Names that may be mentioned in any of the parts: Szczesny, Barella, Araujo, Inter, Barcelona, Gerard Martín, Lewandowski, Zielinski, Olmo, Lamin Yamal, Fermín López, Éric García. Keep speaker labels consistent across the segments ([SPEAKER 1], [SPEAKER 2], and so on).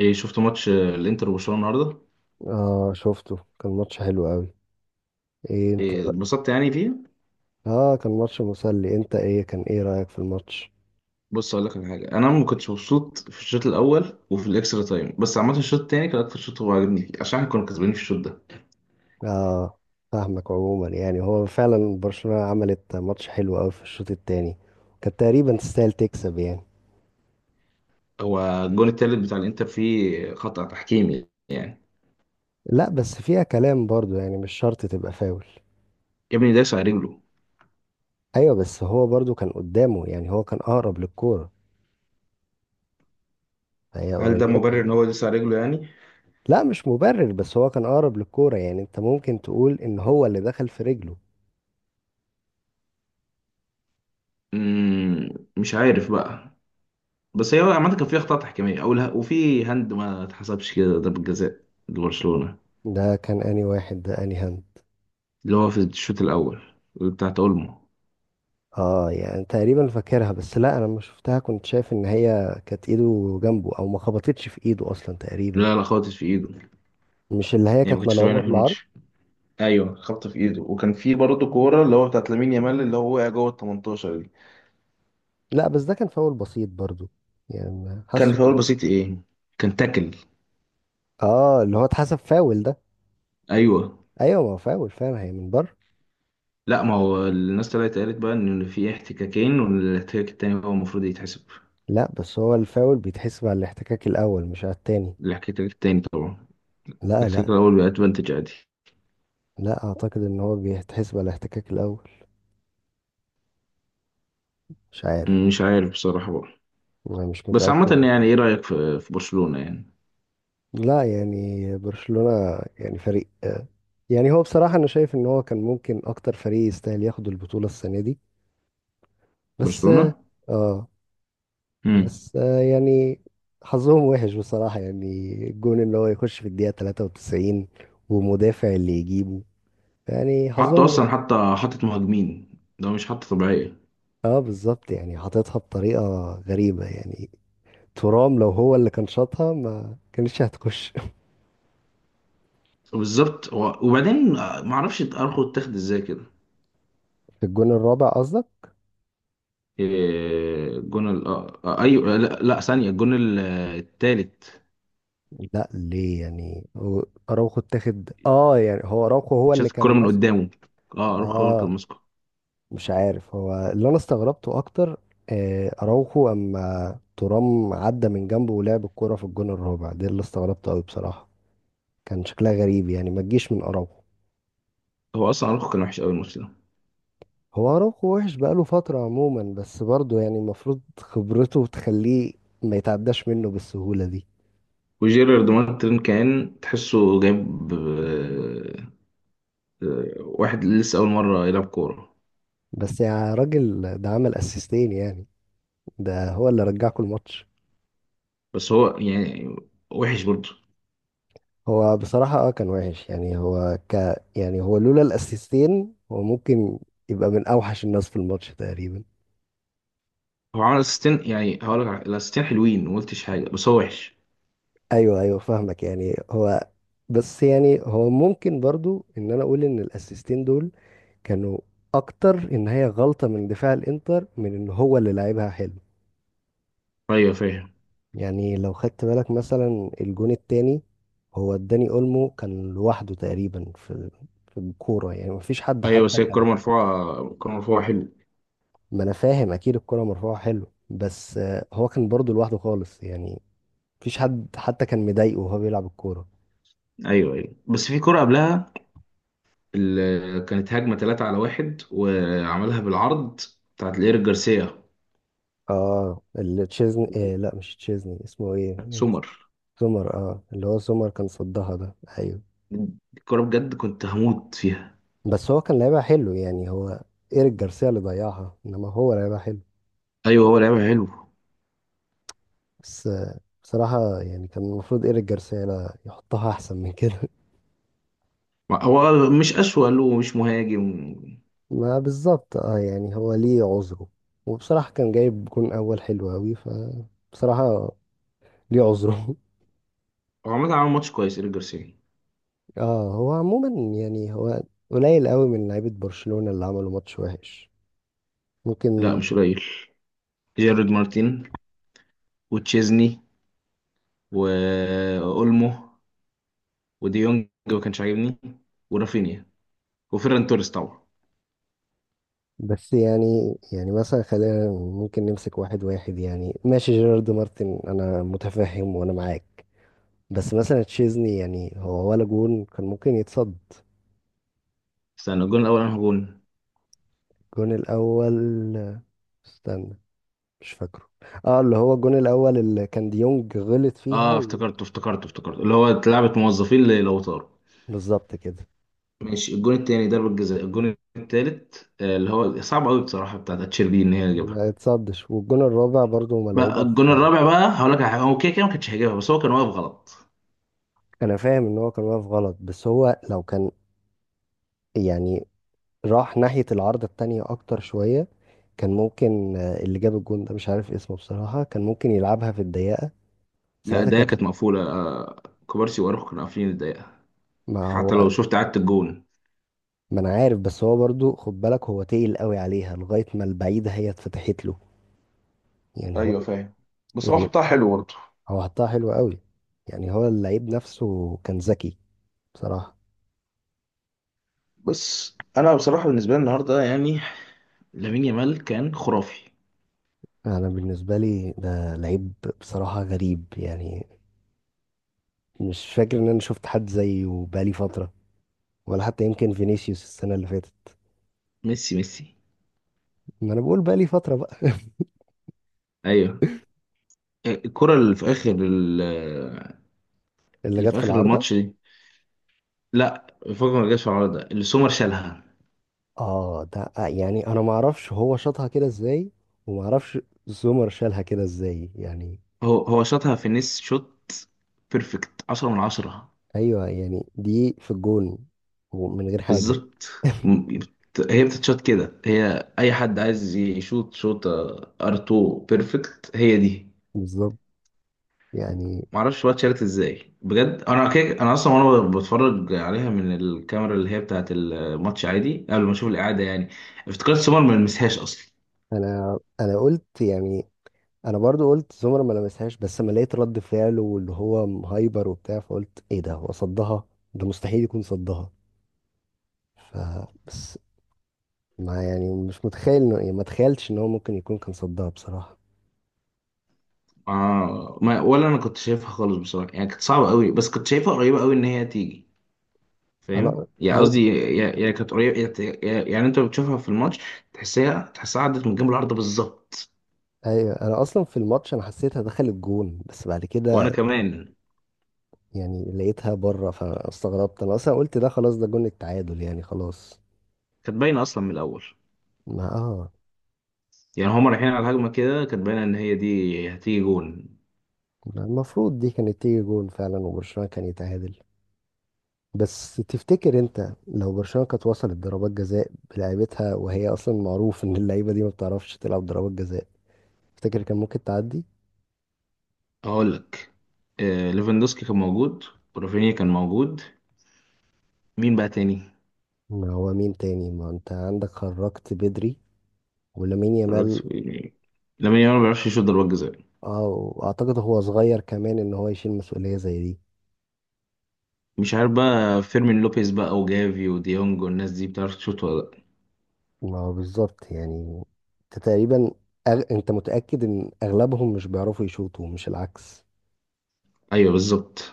[SPEAKER 1] إيه، شفت ماتش الانتر وبرشلونه النهارده؟
[SPEAKER 2] اه شفته. كان ماتش حلو قوي. ايه انت
[SPEAKER 1] إيه، اتبسطت يعني فيه.
[SPEAKER 2] اه كان ماتش مسلي. انت ايه كان ايه رأيك في الماتش؟
[SPEAKER 1] بص، اقول لك على حاجه، انا ما كنتش مبسوط في الشوط الاول وفي الاكسترا تايم، بس عامه الشوط التاني كان اكتر شوط هو عاجبني فيه، عشان احنا كنا كسبانين في الشوط ده.
[SPEAKER 2] اه فاهمك. عموما يعني هو فعلا برشلونة عملت ماتش حلو قوي في الشوط التاني، كانت تقريبا تستاهل تكسب يعني.
[SPEAKER 1] هو الجون التالت بتاع الانتر فيه خطأ تحكيمي يعني.
[SPEAKER 2] لا بس فيها كلام برضو، يعني مش شرط تبقى فاول.
[SPEAKER 1] يا ابني داس على رجله.
[SPEAKER 2] ايوه بس هو برضو كان قدامه، يعني هو كان اقرب للكورة، هي
[SPEAKER 1] هل ده مبرر
[SPEAKER 2] قريبة.
[SPEAKER 1] ان هو داس على رجله يعني؟
[SPEAKER 2] لا مش مبرر، بس هو كان اقرب للكورة، يعني انت ممكن تقول ان هو اللي دخل في رجله.
[SPEAKER 1] مم، مش عارف بقى. بس هي عامه كان فيه اخطاء تحكيميه، اول وفي هاند ما اتحسبش كده ضربة جزاء لبرشلونه.
[SPEAKER 2] ده كان انهي واحد؟ ده انهي هاند؟
[SPEAKER 1] اللي هو في الشوط الاول، بتاعت اولمو.
[SPEAKER 2] اه يعني تقريبا فاكرها، بس لا انا لما شفتها كنت شايف ان هي كانت ايده جنبه، او ما خبطتش في ايده اصلا تقريبا.
[SPEAKER 1] لا لا خالص، في ايده.
[SPEAKER 2] مش اللي هي
[SPEAKER 1] يعني ما
[SPEAKER 2] كانت
[SPEAKER 1] كنتش باينه
[SPEAKER 2] ملعوبة
[SPEAKER 1] في
[SPEAKER 2] بالعرض؟
[SPEAKER 1] الماتش. ايوه خبطه في ايده، وكان في برضه كوره اللي هو بتاعت لامين يامال اللي هو وقع جوه ال 18 دي.
[SPEAKER 2] لا بس ده كان فاول بسيط برضو يعني،
[SPEAKER 1] كان
[SPEAKER 2] حاسه.
[SPEAKER 1] فاول بسيط ايه، كان تاكل.
[SPEAKER 2] اه اللي هو اتحسب فاول ده.
[SPEAKER 1] ايوه.
[SPEAKER 2] ايوه ما هو فاول فعلا، هي من بره.
[SPEAKER 1] لا، ما هو الناس طلعت قالت بقى ان في احتكاكين، والاحتكاك التاني هو المفروض يتحسب.
[SPEAKER 2] لا بس هو الفاول بيتحسب على الاحتكاك الاول مش على التاني.
[SPEAKER 1] الاحتكاك التاني طبعا.
[SPEAKER 2] لا لا
[SPEAKER 1] الاحتكاك الاول بقى ادفانتج عادي.
[SPEAKER 2] لا، اعتقد ان هو بيتحسب على الاحتكاك الاول. مش عارف،
[SPEAKER 1] مش عارف بصراحه بقى.
[SPEAKER 2] انا مش
[SPEAKER 1] بس عامه
[SPEAKER 2] متأكد.
[SPEAKER 1] يعني، ايه رايك في برشلونه يعني؟
[SPEAKER 2] لا يعني برشلونة يعني فريق يعني هو بصراحة أنا شايف إن هو كان ممكن أكتر فريق يستاهل ياخد البطولة السنة دي. بس
[SPEAKER 1] برشلونه.
[SPEAKER 2] آه،
[SPEAKER 1] امم
[SPEAKER 2] بس يعني حظهم وحش بصراحة يعني. الجون إن هو يخش في الدقيقة 93 ومدافع اللي يجيبه، يعني
[SPEAKER 1] حطوا
[SPEAKER 2] حظهم
[SPEAKER 1] اصلا
[SPEAKER 2] وحش.
[SPEAKER 1] حتى، حطت مهاجمين. ده مش حتى طبيعيه.
[SPEAKER 2] اه بالظبط يعني حاططها بطريقة غريبة يعني. ترام لو هو اللي كان شاطها ما كانتش هتخش
[SPEAKER 1] بالظبط. وبعدين ما اعرفش ارخو اتاخد ازاي كده.
[SPEAKER 2] في الجون الرابع قصدك؟
[SPEAKER 1] إيه، الجون ال آه، آه، ايوه لا, لا ثانيه، الجون ال- آه، التالت.
[SPEAKER 2] لا ليه يعني هو اراوخو اتاخد؟ اه يعني هو اراوخو هو
[SPEAKER 1] اتشاط
[SPEAKER 2] اللي
[SPEAKER 1] الكره
[SPEAKER 2] كان
[SPEAKER 1] من
[SPEAKER 2] ماسكه.
[SPEAKER 1] قدامه. اه، ارخو هو اللي كان
[SPEAKER 2] اه
[SPEAKER 1] ماسكه.
[SPEAKER 2] مش عارف، هو اللي انا استغربته اكتر اراوخو، اما ترام عدى من جنبه ولعب الكرة في الجون الرابع، ده اللي استغربته قوي بصراحة. كان شكلها غريب يعني، ما تجيش من اراوخو.
[SPEAKER 1] هو اصلا ارخو كان وحش قوي الماتش ده.
[SPEAKER 2] هو اراوخو وحش بقاله فترة عموما، بس برضه يعني المفروض خبرته تخليه ما يتعداش منه بالسهولة دي.
[SPEAKER 1] وجيرارد مارتن كان تحسه جايب واحد لسه اول مره يلعب كوره.
[SPEAKER 2] بس يا راجل ده عمل اسيستين يعني، ده هو اللي رجعكوا الماتش.
[SPEAKER 1] بس هو يعني وحش برضه.
[SPEAKER 2] هو بصراحة اه كان وحش يعني. هو ك يعني هو لولا الاسيستين هو ممكن يبقى من اوحش الناس في الماتش تقريبا.
[SPEAKER 1] هو عمل اسيستين يعني، الاسيستين حلوين ما قلتش حاجه، بس هو وحش.
[SPEAKER 2] ايوه ايوه فاهمك يعني. هو بس يعني هو ممكن برضو ان انا اقول ان الاسيستين دول كانوا اكتر ان هي غلطة من دفاع الانتر من ان هو اللي لعبها حلو
[SPEAKER 1] ايوه فاهم.
[SPEAKER 2] يعني. لو خدت بالك مثلا الجون التاني، هو داني اولمو كان لوحده تقريبا في الكورة، يعني مفيش حد
[SPEAKER 1] ايوه
[SPEAKER 2] حتى
[SPEAKER 1] بس هي الكوره
[SPEAKER 2] كان.
[SPEAKER 1] مرفوعه، الكوره مرفوعه حلو.
[SPEAKER 2] ما انا فاهم اكيد الكرة مرفوعة حلو، بس هو كان برضه لوحده خالص يعني، مفيش حد حتى كان مضايقه وهو بيلعب الكورة.
[SPEAKER 1] ايوه ايوه، بس في كرة قبلها كانت هجمة 3 على واحد وعملها بالعرض، بتاعت لإيريك جارسيا.
[SPEAKER 2] اه اللي تشيزني إيه، لا مش تشيزني، اسمه ايه؟
[SPEAKER 1] سمر.
[SPEAKER 2] سومر، اه اللي هو سومر كان صدها ده، ايوه.
[SPEAKER 1] الكرة بجد كنت هموت فيها.
[SPEAKER 2] بس هو كان لعيبها حلو يعني، هو ايريك جارسيا اللي ضيعها، انما هو لعيبها حلو.
[SPEAKER 1] ايوه هو لعيب حلو.
[SPEAKER 2] بس بصراحة يعني كان المفروض ايريك جارسيا لا يحطها احسن من كده
[SPEAKER 1] هو مش أسوأ له، مش مهاجم.
[SPEAKER 2] ما بالظبط، اه يعني هو ليه عذره، وبصراحة كان جايب جون اول حلو اوي، ف بصراحة ليه عذره
[SPEAKER 1] هو عامة عمل ماتش كويس إيريك جارسيا.
[SPEAKER 2] اه هو عموما يعني هو قليل قوي من لعيبة برشلونة اللي عملوا ماتش وحش،
[SPEAKER 1] لا
[SPEAKER 2] ممكن.
[SPEAKER 1] مش قليل. جيرارد مارتين، وتشيزني، وأولمو، وديونج ما كانش عاجبني، ورافينيا، وفيران توريس طبعا.
[SPEAKER 2] بس يعني يعني مثلا خلينا ممكن نمسك واحد واحد يعني. ماشي جيرارد مارتن انا متفهم وانا معاك، بس مثلا تشيزني يعني هو ولا جون كان ممكن يتصد؟
[SPEAKER 1] استنى، الجون الأول أنا جون.
[SPEAKER 2] الجون الاول، استنى، مش فاكره. اه اللي هو الجون الاول اللي كان ديونج غلط فيها
[SPEAKER 1] اه افتكرته افتكرته افتكرته، اللي هو لعبة موظفين لو طاروا.
[SPEAKER 2] بالظبط كده.
[SPEAKER 1] ماشي. الجون التاني ضربة جزاء. الجون التالت اللي هو صعب قوي بصراحة بتاعت اتشيربي ان هي تجيبها.
[SPEAKER 2] ما اتصدش، والجون الرابع برضو
[SPEAKER 1] بقى
[SPEAKER 2] ملعوبة.
[SPEAKER 1] الجون الرابع بقى، هقول لك على حاجة، هو كده كده ما كانش هيجيبها، بس هو كان واقف غلط.
[SPEAKER 2] انا فاهم ان هو كان واقف غلط، بس هو لو كان يعني راح ناحية العارضة التانية اكتر شوية كان ممكن اللي جاب الجون ده مش عارف اسمه بصراحة، كان ممكن يلعبها في الضيقة،
[SPEAKER 1] لا
[SPEAKER 2] ساعتها
[SPEAKER 1] الدقيقة كانت مقفولة. كوبارسي واروخو كانوا قافلين الدقيقة.
[SPEAKER 2] ما
[SPEAKER 1] حتى
[SPEAKER 2] هو،
[SPEAKER 1] لو شفت عدت الجون.
[SPEAKER 2] ما انا عارف. بس هو برضو خد بالك هو تقل قوي عليها لغاية ما البعيدة هي اتفتحت له، يعني هو
[SPEAKER 1] ايوه فاهم. بس هو
[SPEAKER 2] يعني.
[SPEAKER 1] حطها حلو برضه.
[SPEAKER 2] هو حطها حلو قوي، يعني هو اللعيب نفسه كان ذكي بصراحة.
[SPEAKER 1] بس انا بصراحه بالنسبه لي النهارده يعني، لامين يامال كان خرافي.
[SPEAKER 2] انا بالنسبة لي ده لعيب بصراحة غريب يعني، مش فاكر ان انا شفت حد زيه بقالي فترة، ولا حتى يمكن فينيسيوس السنة اللي فاتت.
[SPEAKER 1] ميسي ميسي.
[SPEAKER 2] ما انا بقول بقى لي فترة بقى.
[SPEAKER 1] ايوه. الكرة اللي في اخر،
[SPEAKER 2] اللي
[SPEAKER 1] اللي
[SPEAKER 2] جت
[SPEAKER 1] في
[SPEAKER 2] في
[SPEAKER 1] اخر
[SPEAKER 2] العارضة؟
[SPEAKER 1] الماتش دي. لا، فجر، ما جاش في العارضه اللي سومر شالها.
[SPEAKER 2] اه ده يعني انا ما اعرفش هو شاطها كده ازاي، وما اعرفش زومر شالها كده ازاي يعني.
[SPEAKER 1] هو هو شاطها في نس شوت، بيرفكت 10 من 10.
[SPEAKER 2] ايوه يعني دي في الجون، ومن غير حاجة.
[SPEAKER 1] بالظبط. هي بتتشوت كده، هي اي حد عايز يشوت شوت. ار 2 بيرفكت هي دي.
[SPEAKER 2] بالظبط يعني.
[SPEAKER 1] معرفش بقى اتشالت ازاي بجد. انا كده، انا اصلا وانا بتفرج عليها من الكاميرا اللي هي بتاعت الماتش عادي قبل ما اشوف الاعاده يعني، افتكرت سومر ما لمسهاش اصلا.
[SPEAKER 2] انا قلت يعني، انا برضو قلت زومر ما لمسهاش، بس لما لقيت رد فعله واللي هو هايبر وبتاع فقلت ايه ده، هو صدها، ده مستحيل يكون صدها. ف ما يعني مش متخيل انه، يعني ما تخيلتش ان هو ممكن يكون كان صدها بصراحة.
[SPEAKER 1] آه ما ولا انا كنت شايفها خالص بصراحه يعني، كانت صعبه قوي، بس كنت شايفها قريبه قوي ان هي تيجي. فاهم
[SPEAKER 2] انا
[SPEAKER 1] يعني؟
[SPEAKER 2] ايوه.
[SPEAKER 1] قصدي يا- يا يعني كانت قريبه. يعني انت بتشوفها في الماتش، تحسها تحسها عدت من جنب العارضه بالظبط.
[SPEAKER 2] ايوه انا اصلا في الماتش انا حسيتها دخلت جون، بس بعد
[SPEAKER 1] وانا
[SPEAKER 2] كده
[SPEAKER 1] كمان.
[SPEAKER 2] يعني لقيتها بره فاستغربت، انا اصلا قلت ده خلاص ده جون التعادل يعني، خلاص.
[SPEAKER 1] كانت باينه اصلا من الاول.
[SPEAKER 2] ما اه
[SPEAKER 1] يعني هما رايحين على الهجمه كده، كانت باينه ان هي دي هتيجي جون.
[SPEAKER 2] ما المفروض دي كانت تيجي جون فعلا وبرشلونة كان يتعادل. بس تفتكر انت لو برشلونة كانت وصلت ضربات جزاء بلعيبتها، وهي اصلا معروف ان اللعيبة دي ما بتعرفش تلعب ضربات جزاء، تفتكر كان ممكن تعدي؟
[SPEAKER 1] اقول لك، آه ليفاندوسكي كان موجود، ورافينيا كان موجود. مين بقى تاني؟
[SPEAKER 2] ما هو مين تاني، ما انت عندك خرجت بدري، ولامين يامال.
[SPEAKER 1] الراجل- لامين يامال ما بيعرفش يشوط ضربات جزاء.
[SPEAKER 2] اه واعتقد هو صغير كمان ان هو يشيل مسؤولية زي دي.
[SPEAKER 1] مش عارف بقى، فيرمين لوبيز بقى وجافي وديونج والناس دي بتعرف تشوط ولا لأ؟
[SPEAKER 2] ما هو بالظبط يعني، انت تقريبا انت متأكد ان اغلبهم مش بيعرفوا يشوطوا مش العكس؟
[SPEAKER 1] أيوه بالظبط.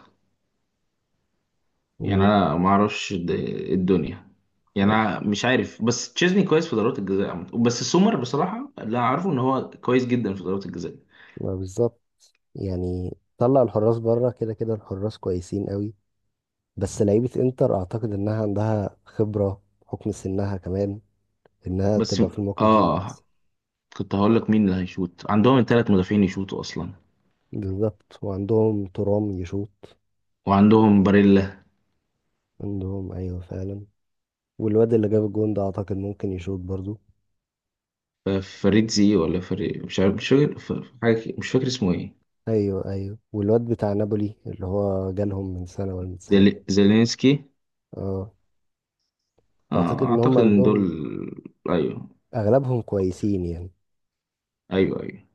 [SPEAKER 1] يعني
[SPEAKER 2] و...
[SPEAKER 1] أنا الدنيا يعني،
[SPEAKER 2] و...
[SPEAKER 1] أنا مش عارف، بس تشيزني كويس في ضربات الجزاء عامة، بس سومر بصراحة اللي أعرفه إن هو كويس جدا في ضربات الجزاء.
[SPEAKER 2] ما بالظبط يعني، طلع الحراس بره كده كده الحراس كويسين قوي، بس لعيبة انتر اعتقد انها عندها خبرة بحكم سنها كمان انها
[SPEAKER 1] بس
[SPEAKER 2] تبقى في الموقف دي
[SPEAKER 1] آه
[SPEAKER 2] احسن.
[SPEAKER 1] كنت هقول لك، مين اللي هيشوط؟ عندهم 3 مدافعين يشوطوا أصلا،
[SPEAKER 2] بالظبط، وعندهم ترام يشوط،
[SPEAKER 1] وعندهم باريلا.
[SPEAKER 2] عندهم ايوه فعلا، والواد اللي جاب الجون ده اعتقد ممكن يشوط برضو.
[SPEAKER 1] ف- فريد زي، ولا فريد، مش عارف، مش فاكر، مش فاكر اسمه إيه.
[SPEAKER 2] ايوه ايوه، والواد بتاع نابولي اللي هو جالهم من سنه ولا من سنتين.
[SPEAKER 1] زيلينسكي.
[SPEAKER 2] اه، فاعتقد
[SPEAKER 1] آه
[SPEAKER 2] ان هم
[SPEAKER 1] أعتقد إن دول.
[SPEAKER 2] عندهم
[SPEAKER 1] أيوه
[SPEAKER 2] اغلبهم كويسين يعني.
[SPEAKER 1] أيوه أيوه.